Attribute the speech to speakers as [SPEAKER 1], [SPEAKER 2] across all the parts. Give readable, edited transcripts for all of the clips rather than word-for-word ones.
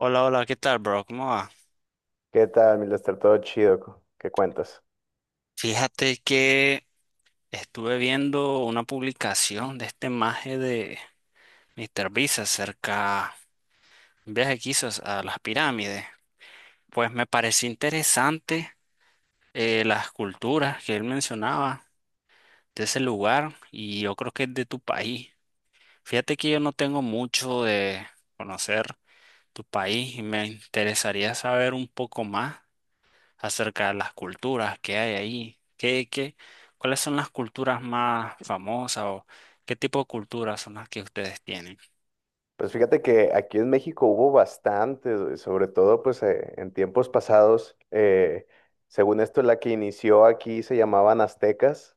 [SPEAKER 1] Hola, hola, ¿qué tal, bro? ¿Cómo va?
[SPEAKER 2] ¿Qué tal, mi Lester? Todo chido, ¿qué cuentas?
[SPEAKER 1] Fíjate que estuve viendo una publicación de este maje de Mr. Beast acerca de un viaje que hizo a las pirámides. Pues me pareció interesante, las culturas que él mencionaba de ese lugar, y yo creo que es de tu país. Fíjate que yo no tengo mucho de conocer tu país y me interesaría saber un poco más acerca de las culturas que hay ahí. ¿ cuáles son las culturas más famosas, o ¿qué tipo de culturas son las que ustedes tienen?
[SPEAKER 2] Pues fíjate que aquí en México hubo bastantes, güey, sobre todo pues en tiempos pasados, según esto la que inició aquí se llamaban aztecas,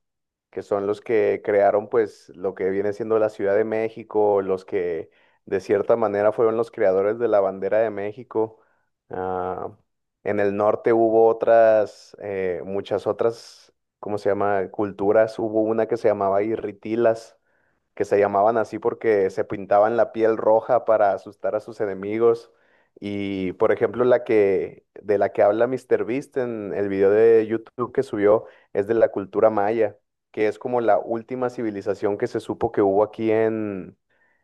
[SPEAKER 2] que son los que crearon pues lo que viene siendo la Ciudad de México, los que de cierta manera fueron los creadores de la bandera de México. Ah, en el norte hubo otras, muchas otras, ¿cómo se llama? Culturas, hubo una que se llamaba Irritilas que se llamaban así porque se pintaban la piel roja para asustar a sus enemigos. Y por ejemplo, la que de la que habla Mr. Beast en el video de YouTube que subió es de la cultura maya, que es como la última civilización que se supo que hubo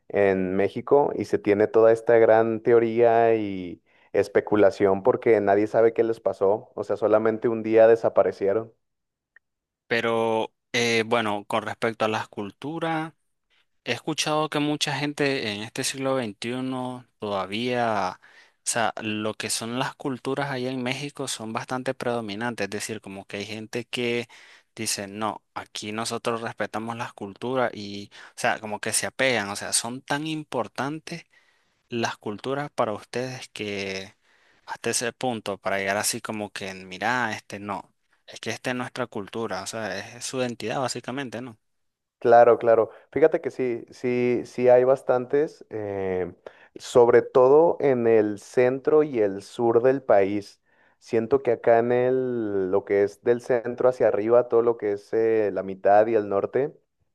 [SPEAKER 2] en México y se tiene toda esta gran teoría y especulación porque nadie sabe qué les pasó, o sea, solamente un día desaparecieron.
[SPEAKER 1] Pero bueno, con respecto a las culturas, he escuchado que mucha gente en este siglo 21 todavía, o sea, lo que son las culturas allá en México son bastante predominantes, es decir, como que hay gente que... dice, no, aquí nosotros respetamos las culturas y, o sea, como que se apegan, o sea, son tan importantes las culturas para ustedes que hasta ese punto, para llegar así como que, mira, este no, es que esta es nuestra cultura, o sea, es, su identidad básicamente, ¿no?
[SPEAKER 2] Claro, claro. Fíjate que sí, sí, sí hay bastantes, sobre todo en el centro y el sur del país. Siento que lo que es del centro hacia arriba, todo lo que es la mitad y el norte,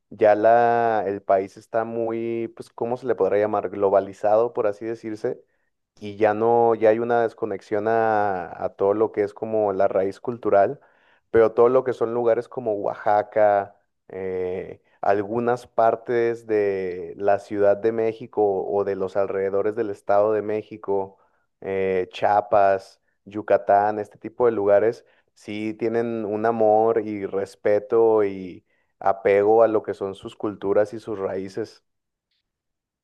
[SPEAKER 2] el país está muy, pues, ¿cómo se le podrá llamar? Globalizado, por así decirse. Y ya no, ya hay una desconexión a todo lo que es como la raíz cultural, pero todo lo que son lugares como Oaxaca, algunas partes de la Ciudad de México o de los alrededores del Estado de México, Chiapas, Yucatán, este tipo de lugares, sí tienen un amor y respeto y apego a lo que son sus culturas y sus raíces.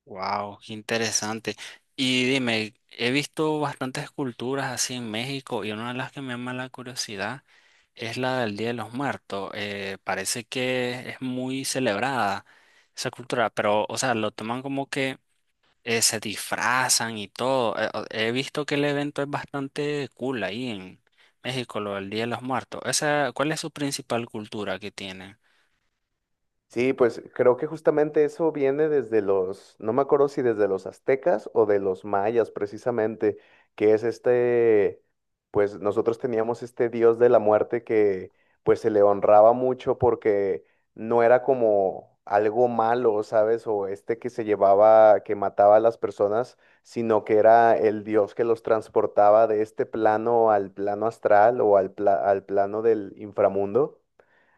[SPEAKER 1] Wow, qué interesante. Y dime, he visto bastantes culturas así en México y una de las que me llama la curiosidad es la del Día de los Muertos. Parece que es muy celebrada esa cultura, pero, o sea, lo toman como que se disfrazan y todo. He visto que el evento es bastante cool ahí en México, lo del Día de los Muertos. Esa, ¿cuál es su principal cultura que tienen?
[SPEAKER 2] Sí, pues creo que justamente eso viene desde los, no me acuerdo si desde los aztecas o de los mayas precisamente, que es este, pues nosotros teníamos este dios de la muerte que pues se le honraba mucho porque no era como algo malo, ¿sabes? O este que se llevaba, que mataba a las personas, sino que era el dios que los transportaba de este plano al plano astral o al plano del inframundo.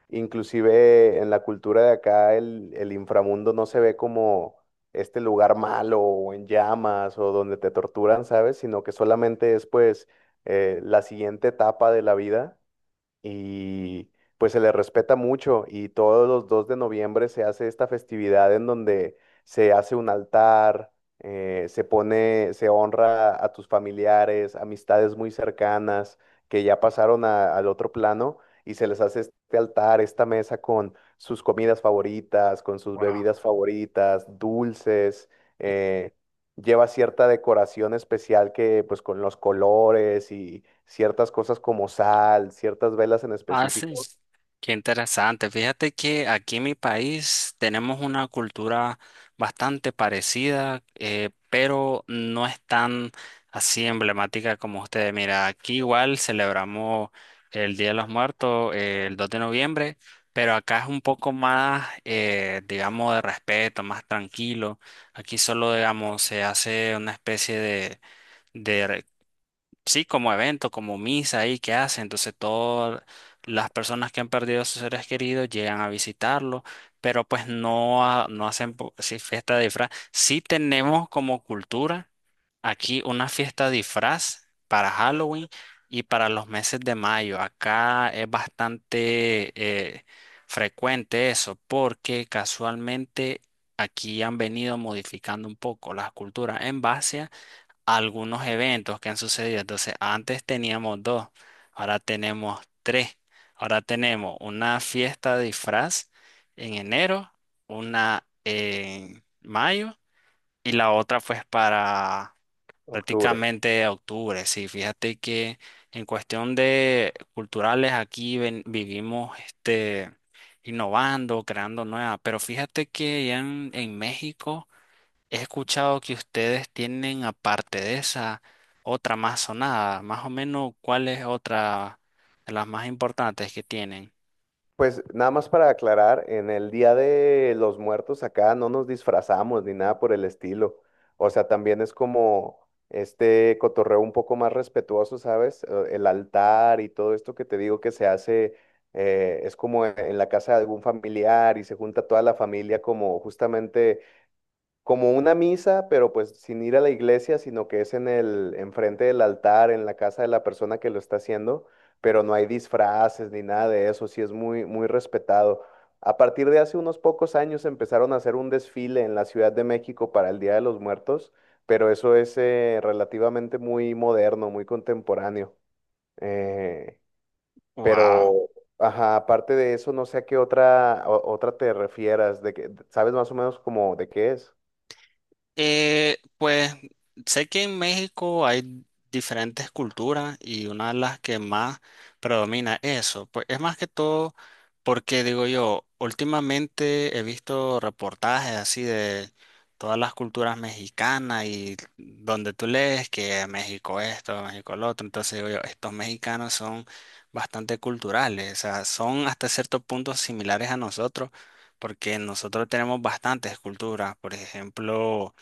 [SPEAKER 2] Inclusive en la cultura de acá el inframundo no se ve como este lugar malo o en llamas o donde te torturan, ¿sabes? Sino que solamente es pues la siguiente etapa de la vida y pues se le respeta mucho y todos los 2 de noviembre se hace esta festividad en donde se hace un altar, se honra a tus familiares, amistades muy cercanas que ya pasaron al otro plano y se les hace este altar, esta mesa con sus comidas favoritas, con sus bebidas favoritas, dulces. eh, Lleva cierta decoración especial que pues con los colores y ciertas cosas como sal, ciertas velas en
[SPEAKER 1] Ah, sí.
[SPEAKER 2] específico,
[SPEAKER 1] Qué interesante. Fíjate que aquí en mi país tenemos una cultura bastante parecida, pero no es tan así emblemática como ustedes. Mira, aquí igual celebramos el Día de los Muertos, el 2 de noviembre, pero acá es un poco más, digamos, de respeto, más tranquilo. Aquí solo, digamos, se hace una especie de, sí, como evento, como misa ahí que hace. Entonces todas las personas que han perdido a sus seres queridos llegan a visitarlo, pero pues no, no hacen sí, fiesta de disfraz. Sí tenemos como cultura aquí una fiesta de disfraz para Halloween y para los meses de mayo. Acá es bastante eh, frecuente eso porque casualmente aquí han venido modificando un poco las culturas en base a algunos eventos que han sucedido. Entonces, antes teníamos dos, ahora tenemos tres. Ahora tenemos una fiesta de disfraz en enero, una en mayo y la otra pues para
[SPEAKER 2] octubre.
[SPEAKER 1] prácticamente octubre. Sí, fíjate que en cuestión de culturales aquí vivimos este innovando, creando nuevas, pero fíjate que ya en México he escuchado que ustedes tienen, aparte de esa, otra más sonada. Más o menos, ¿cuál es otra de las más importantes que tienen?
[SPEAKER 2] Pues nada más para aclarar, en el Día de los Muertos acá no nos disfrazamos ni nada por el estilo. O sea, también es como este cotorreo un poco más respetuoso, ¿sabes? El altar y todo esto que te digo que se hace es como en la casa de algún familiar y se junta toda la familia como justamente como una misa, pero pues sin ir a la iglesia, sino que es enfrente del altar, en la casa de la persona que lo está haciendo, pero no hay disfraces ni nada de eso, sí es muy, muy respetado. A partir de hace unos pocos años empezaron a hacer un desfile en la Ciudad de México para el Día de los Muertos, pero eso es relativamente muy moderno, muy contemporáneo. Eh,
[SPEAKER 1] Wow.
[SPEAKER 2] pero, ajá, aparte de eso, no sé a qué otra te refieras, de que, ¿sabes más o menos como de qué es?
[SPEAKER 1] Pues sé que en México hay diferentes culturas y una de las que más predomina eso, pues es más que todo porque digo yo, últimamente he visto reportajes así de todas las culturas mexicanas y donde tú lees que México esto, México lo otro, entonces digo yo, estos mexicanos son bastante culturales, o sea, son hasta cierto punto similares a nosotros porque nosotros tenemos bastantes culturas, por ejemplo.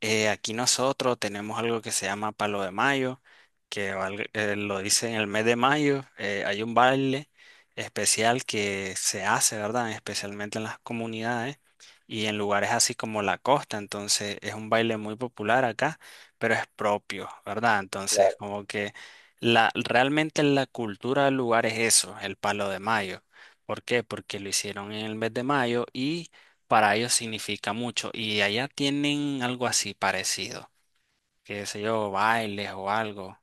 [SPEAKER 1] Aquí nosotros tenemos algo que se llama Palo de Mayo, lo dice en el mes de mayo. Eh, hay un baile especial que se hace, ¿verdad? Especialmente en las comunidades y en lugares así como la costa. Entonces es un baile muy popular acá, pero es propio, ¿verdad? Entonces como que realmente la cultura del lugar es eso, el Palo de Mayo. ¿Por qué? Porque lo hicieron en el mes de mayo y para ellos significa mucho. Y allá tienen algo así parecido, qué sé yo, bailes o algo.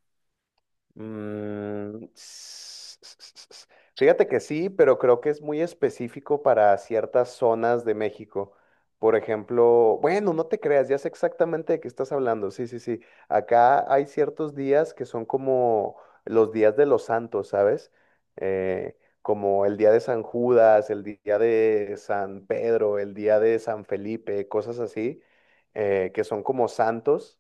[SPEAKER 2] Mm, s- s- s- s- Fíjate que sí, pero creo que es muy específico para ciertas zonas de México. Por ejemplo, bueno, no te creas, ya sé exactamente de qué estás hablando. Sí, sí, sí. Acá hay ciertos días que son como los días de los santos, ¿sabes? Eh, Como el día de San Judas, el día de San Pedro, el día de San Felipe, cosas así, que son como santos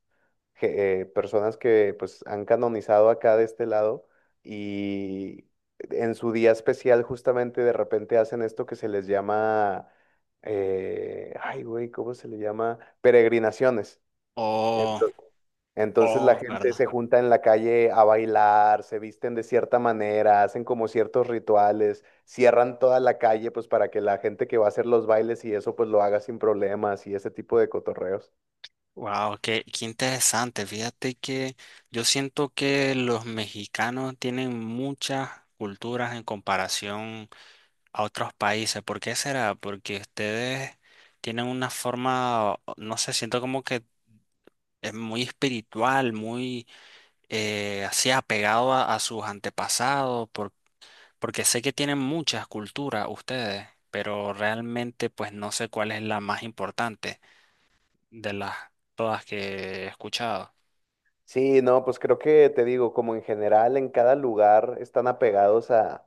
[SPEAKER 2] personas que pues han canonizado acá de este lado y en su día especial justamente de repente hacen esto que se les llama, ay güey, ¿cómo se le llama? Peregrinaciones.
[SPEAKER 1] Oh,
[SPEAKER 2] entonces Entonces la
[SPEAKER 1] oh,
[SPEAKER 2] gente
[SPEAKER 1] ¿verdad?
[SPEAKER 2] se junta en la calle a bailar, se visten de cierta manera, hacen como ciertos rituales, cierran toda la calle pues para que la gente que va a hacer los bailes y eso pues lo haga sin problemas y ese tipo de cotorreos.
[SPEAKER 1] Wow, qué interesante. Fíjate que yo siento que los mexicanos tienen muchas culturas en comparación a otros países. ¿Por qué será? Porque ustedes tienen una forma, no sé, siento como que es muy espiritual, muy así apegado a sus antepasados, porque sé que tienen muchas culturas ustedes, pero realmente pues no sé cuál es la más importante de las todas que he escuchado.
[SPEAKER 2] Sí, no, pues creo que te digo, como en general en cada lugar están apegados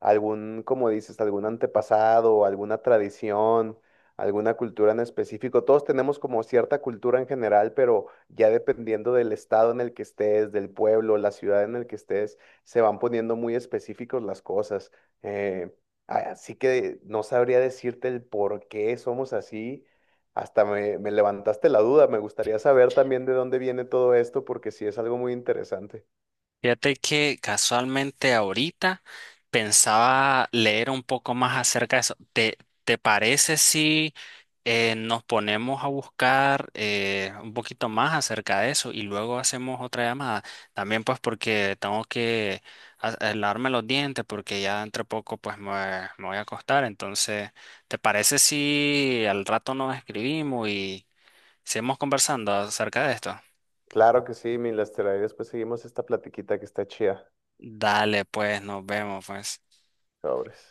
[SPEAKER 2] algún, como dices, algún antepasado, alguna tradición, alguna cultura en específico. Todos tenemos como cierta cultura en general, pero ya dependiendo del estado en el que estés, del pueblo, la ciudad en el que estés, se van poniendo muy específicos las cosas. Eh, Así que no sabría decirte el por qué somos así. Me levantaste la duda. Me gustaría saber también de dónde viene todo esto, porque sí es algo muy interesante.
[SPEAKER 1] Fíjate que casualmente ahorita pensaba leer un poco más acerca de eso. ¿Te, te parece si nos ponemos a buscar un poquito más acerca de eso y luego hacemos otra llamada? También pues porque tengo que a lavarme los dientes porque ya entre poco pues me voy a acostar. Entonces, ¿te parece si al rato nos escribimos y seguimos conversando acerca de esto?
[SPEAKER 2] Claro que sí, mi Lester. Ahí después seguimos esta platiquita que está chida.
[SPEAKER 1] Dale, pues nos vemos pues.
[SPEAKER 2] Sobres.